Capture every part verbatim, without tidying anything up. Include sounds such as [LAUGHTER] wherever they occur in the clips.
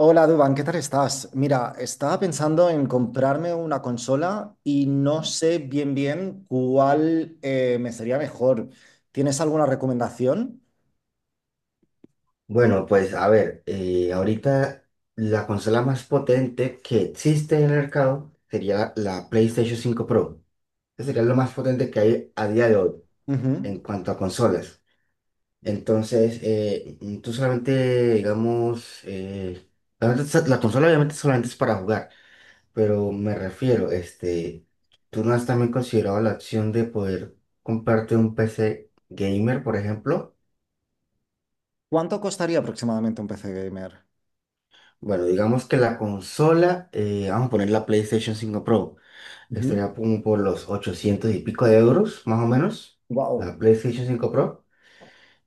Hola Duban, ¿qué tal estás? Mira, estaba pensando en comprarme una consola y no sé bien bien cuál eh, me sería mejor. ¿Tienes alguna recomendación? Bueno, pues a ver, eh, ahorita la consola más potente que existe en el mercado sería la la PlayStation cinco Pro. Esa sería lo más potente que hay a día de hoy Ujú. en cuanto a consolas. Entonces, eh, mm, tú solamente, digamos, eh, obviamente sa- la consola obviamente solamente es para jugar, pero me refiero, este, ¿tú no has también considerado la opción de poder comprarte un P C gamer, por ejemplo? ¿Cuánto costaría aproximadamente un P C gamer? Bueno, digamos que la consola, eh, vamos a poner la PlayStation cinco Pro, estaría como por los ochocientos y pico de euros, más o menos, Wow, la PlayStation cinco Pro.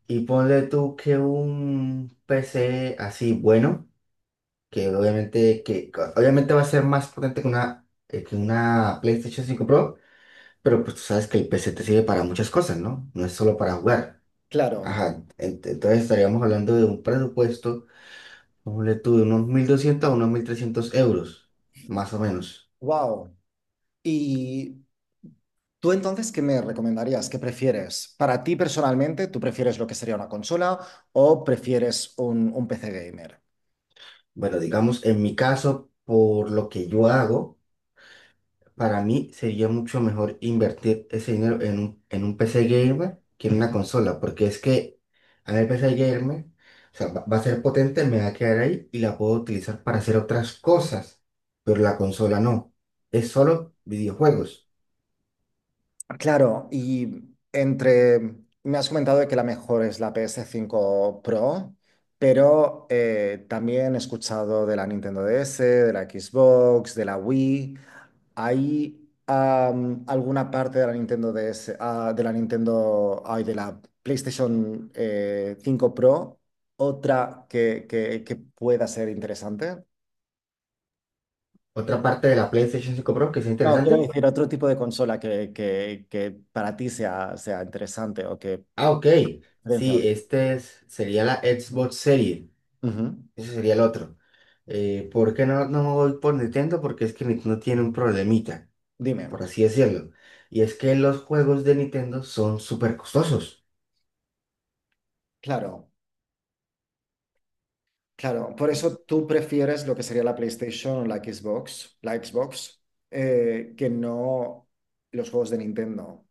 Y ponle tú que un P C así bueno, que obviamente, que, co- obviamente va a ser más potente que una, eh, que una PlayStation cinco Pro, pero pues tú sabes que el P C te sirve para muchas cosas, ¿no? No es solo para jugar. claro, Ajá, ent- entonces estaríamos hablando de un presupuesto ponle tú de unos mil doscientos a unos mil trescientos euros, más o menos. wow. ¿Y tú entonces qué me recomendarías? ¿Qué prefieres? Para ti personalmente, ¿tú prefieres lo que sería una consola o prefieres un, un P C gamer? Bueno, digamos, en mi caso, por lo que yo hago, para mí sería mucho mejor invertir ese dinero en un, en un P C gamer que en una consola, porque es que a mí el P C gamer, o sea, va, va a ser potente, me va a quedar ahí y la puedo utilizar para hacer otras cosas, pero la consola no. Es solo videojuegos. Claro, y entre, me has comentado de que la mejor es la ps cinco Pro, pero eh, también he escuchado de la Nintendo D S, de la Xbox, de la Wii. ¿Hay am, alguna parte de la Nintendo D S, ah, de la Nintendo, ay, de la PlayStation eh, cinco Pro, otra que, que- que pueda ser interesante? Otra parte de la PlayStation cinco Pro que es No, quiero interesante. decir, otro tipo de consola que, que- que para ti sea, sea interesante o que... Ah, ok. diferencia. Sí, este es- sería la Xbox Series. Ujú. Ese sería el otro. Eh, ¿por qué no, no me voy por Nintendo? Porque es que Nintendo tiene un problemita, Dime, por así decirlo. Y es que los juegos de Nintendo son súper costosos. claro, claro. Por eso tú prefieres lo que sería la PlayStation o la Xbox, la Xbox, eh, que no los juegos de Nintendo.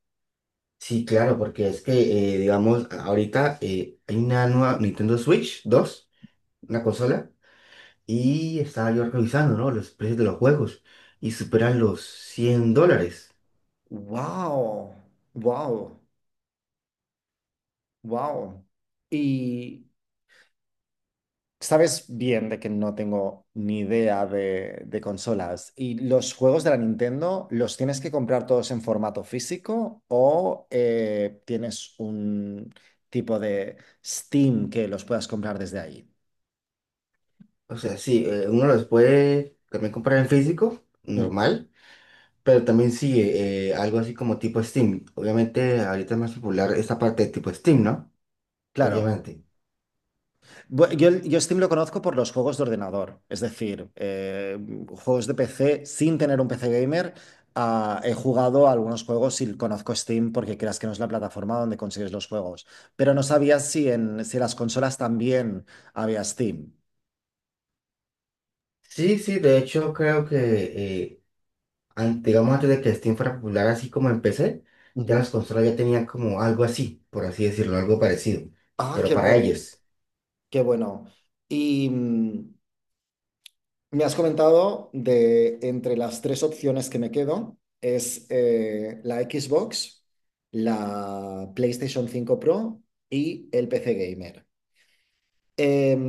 Sí, claro, porque es que, eh, digamos, ahorita eh, hay una nueva Nintendo Switch dos, una consola, y estaba yo revisando, ¿no? Los precios de los juegos y superan los cien dólares. Wow, wow, wow. Y sabes bien de que no tengo ni idea de, de consolas. ¿Y los juegos de la Nintendo los tienes que comprar todos en formato físico o eh, tienes un tipo de Steam que los puedas comprar desde ahí? O sea, sí, eh, uno los puede también comprar en físico, Mm, normal, pero también sí, eh, algo así como tipo Steam. Obviamente, ahorita es más popular esta parte de tipo Steam, ¿no? claro. Obviamente. Bu- Yo, el- yo Steam lo conozco por los juegos de ordenador, es decir, eh, juegos de P C sin tener un P C gamer. Ah, he jugado a algunos juegos y conozco Steam porque creas que no es la plataforma donde consigues los juegos, pero no sabía si en si en las consolas también había Steam. Sí, sí, de hecho creo que, eh, an- digamos, antes de que Steam fuera popular así como en P C, ya Ujú. las consolas ya tenían como algo así, por así decirlo, algo parecido, Ah, pero qué para bueno, ellos. qué bueno. Y, mm, me has comentado de entre las tres opciones que me quedo, es eh, la Xbox, la PlayStation cinco Pro y el P C Gamer. Em,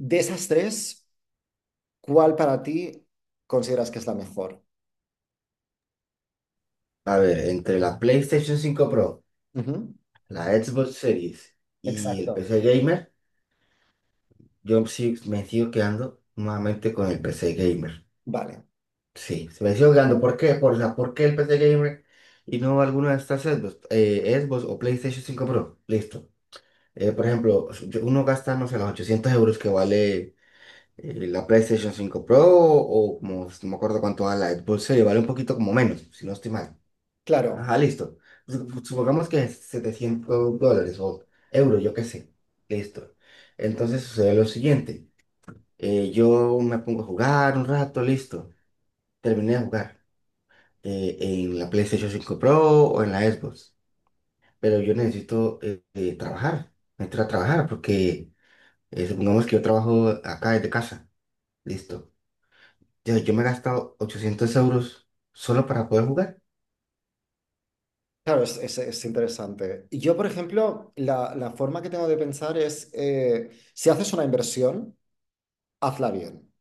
de esas tres, ¿cuál para ti consideras que es la mejor? A ver, entre la PlayStation cinco Pro, Ujú. la Xbox Series y el Exacto. P C Gamer. Yo sí me sigo quedando nuevamente con el P C Gamer. Vale, Sí, se me sigo quedando. ¿Por qué? Por, la, ¿por qué el P C Gamer y no alguna de estas Xbox, eh, Xbox o PlayStation cinco Pro? Listo. Eh, por ejemplo, yo- uno gasta, no sé, los ochocientos euros que vale eh, la PlayStation cinco Pro o, como, no me acuerdo cuánto vale la Xbox Series, vale un poquito como menos, si no estoy mal. claro, Ajá, listo. Sup- Supongamos que es setecientos dólares o euros, yo qué sé. Listo. Entonces sucede lo siguiente. Eh, yo me pongo a jugar un rato, listo. Terminé de jugar eh, en la PlayStation cinco Pro o en la Xbox. Pero yo necesito eh, eh, trabajar, entrar a trabajar porque eh, supongamos que yo trabajo acá desde casa, listo. Yo, yo me he gastado ochocientos euros solo para poder jugar. claro, es, es- es interesante. Y yo, por ejemplo, la, la forma que tengo de pensar es, eh, si haces una inversión, hazla bien.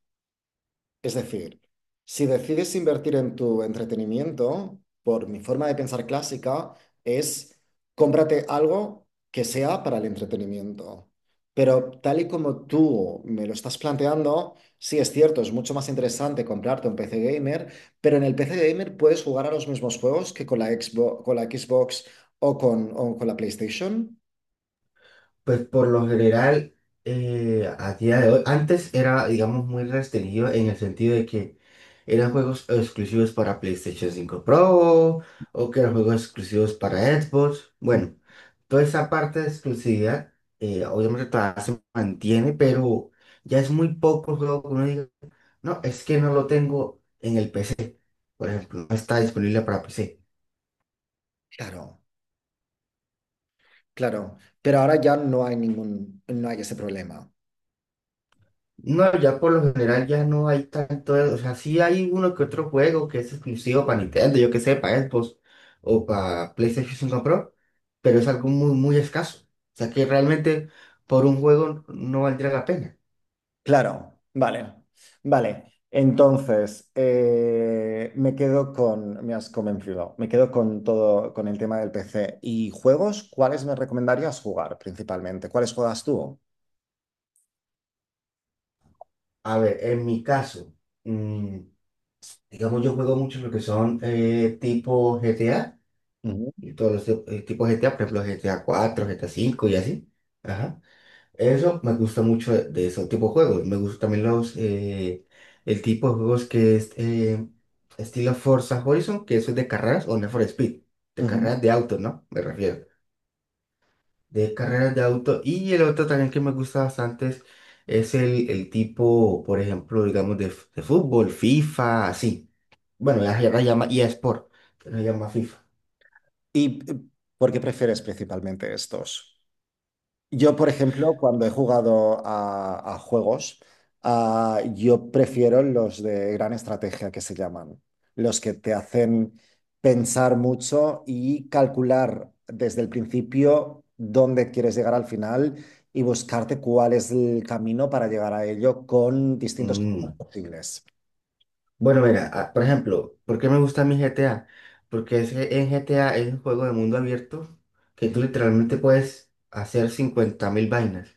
Es decir, si decides invertir en tu entretenimiento, por mi forma de pensar clásica, es cómprate algo que sea para el entretenimiento. Pero tal y como tú me lo estás planteando, sí es cierto, es mucho más interesante comprarte un P C gamer, pero en el P C gamer puedes jugar a los mismos juegos que con la Xbox, con la Xbox o con, o con la PlayStation. Pues por lo general, eh, a día de hoy, antes era, digamos, muy restringido en el sentido de que ¿eran juegos exclusivos para PlayStation cinco Pro o que eran juegos exclusivos para Xbox? Mm. Bueno, toda esa parte de exclusividad, eh, obviamente todavía se mantiene, pero ya es muy poco el juego que uno diga, no, es que no lo tengo en el P C, por ejemplo, no está disponible para P C. Claro, claro. Pero ahora ya no hay ningún, no hay ese problema. No, ya por lo general ya no hay tanto, o sea, sí hay uno que otro juego que es exclusivo para Nintendo, yo que sé, para Xbox o para PlayStation cinco Pro, pero es algo muy, muy escaso. O sea, que realmente por un juego no valdría la pena. Claro, vale, vale. Entonces, eh, me quedo con, me has convencido, me quedo con todo, con el tema del P C. ¿Y juegos? ¿Cuáles me recomendarías jugar principalmente? ¿Cuáles juegas tú? A ver, en mi caso, mm, digamos, yo juego mucho lo que son eh, tipo G T A Ujú, y todos los tip- eh, tipos GTA, por ejemplo, G T A cuatro, GTA cinco y así. Ajá. Eso me gusta mucho de, de ese tipo de juegos. Me gustan también los, eh, el tipo de juegos que es eh, estilo Forza Horizon, que eso es de carreras o Need for Speed, de ujú. carreras de autos, ¿no? Me refiero. De carreras de auto. Y el otro también que me gusta bastante es, es el, el tipo, por ejemplo, digamos, de, f- de fútbol, FIFA, así. Bueno, ya, ya la llama eSport, pero se llama FIFA. ¿Y eh, por qué prefieres principalmente estos? Yo, por ejemplo, cuando he jugado a, a juegos, ah, yo prefiero los de gran estrategia que se llaman, los que te hacen pensar mucho y calcular desde el principio dónde quieres llegar al final y buscarte cuál es el camino para llegar a ello con distintos caminos Mm. posibles. Bueno, mira, ah, por ejemplo, ¿por qué me gusta mi G T A? Porque es que en G T A es un juego de mundo abierto que tú Ujú, literalmente puedes hacer cincuenta mil vainas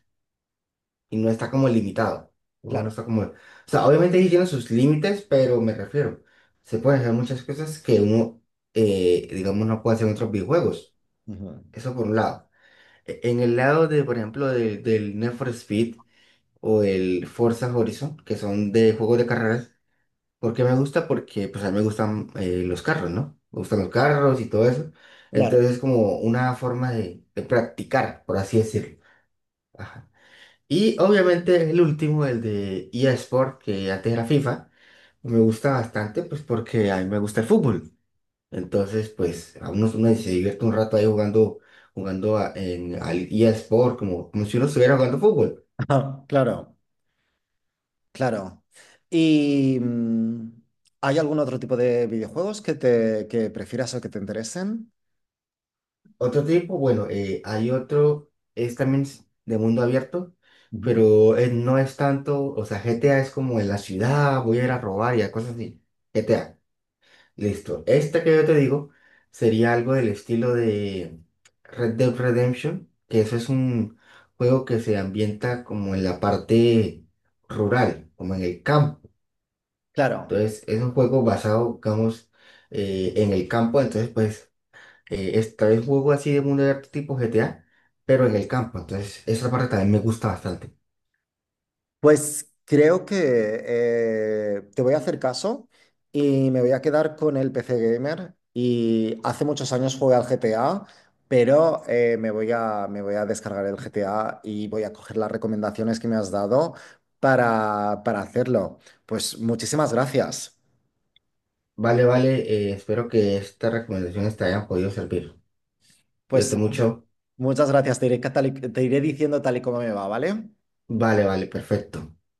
y no está como limitado. El juego no claro. está como. O sea, obviamente sí tiene sus límites, pero me refiero, se pueden hacer muchas cosas que uno, eh, digamos, no puede hacer en otros videojuegos. Ujú, Eso por un lado. E- En el lado de, por ejemplo, del del Need for Speed o el Forza Horizon, que son de juegos de carreras, ¿por qué me gusta? Porque pues a mí me gustan eh, los carros, ¿no? Me gustan los carros y todo eso. claro. Entonces es como una forma de, de practicar, por así decirlo. Ajá. Y obviamente el último, el de E A Sport, que antes era FIFA, me gusta bastante pues porque a mí me gusta el fútbol. Entonces pues a uno, uno se divierte un rato ahí jugando, jugando a- en, al E A Sport, como, como si uno estuviera jugando fútbol. [LAUGHS] Claro. Claro. ¿Y mm, hay algún otro tipo de videojuegos que te que prefieras o que te interesen? Otro tipo, bueno, eh, hay otro, es también s- de mundo abierto, Ujú. pero eh, no es tanto, o sea, G T A es como en la ciudad, voy a ir a robar y a cosas así. G T A, listo. Este que yo te digo sería algo del estilo de Red Dead Redemption, que eso es un juego que se ambienta como en la parte rural, como en el campo. Claro. Entonces, es un juego basado, digamos, eh, en el campo, entonces, pues eh, está el juego así de mundo abierto tipo G T A, pero en el campo. Entonces, esa parte también me gusta bastante. Pues creo que eh, te voy a hacer caso y me voy a quedar con el P C Gamer. Y hace muchos años jugué al G T A, pero eh, me voy a, me voy a descargar el G T A y voy a coger las recomendaciones que me has dado para, para hacerlo. Pues muchísimas gracias. Vale, vale, eh, espero que estas recomendaciones te hayan podido servir. Cuídate Pues mucho. muchas gracias, te iré, catali- te iré diciendo tal y como me va, ¿vale? Vale, vale, perfecto.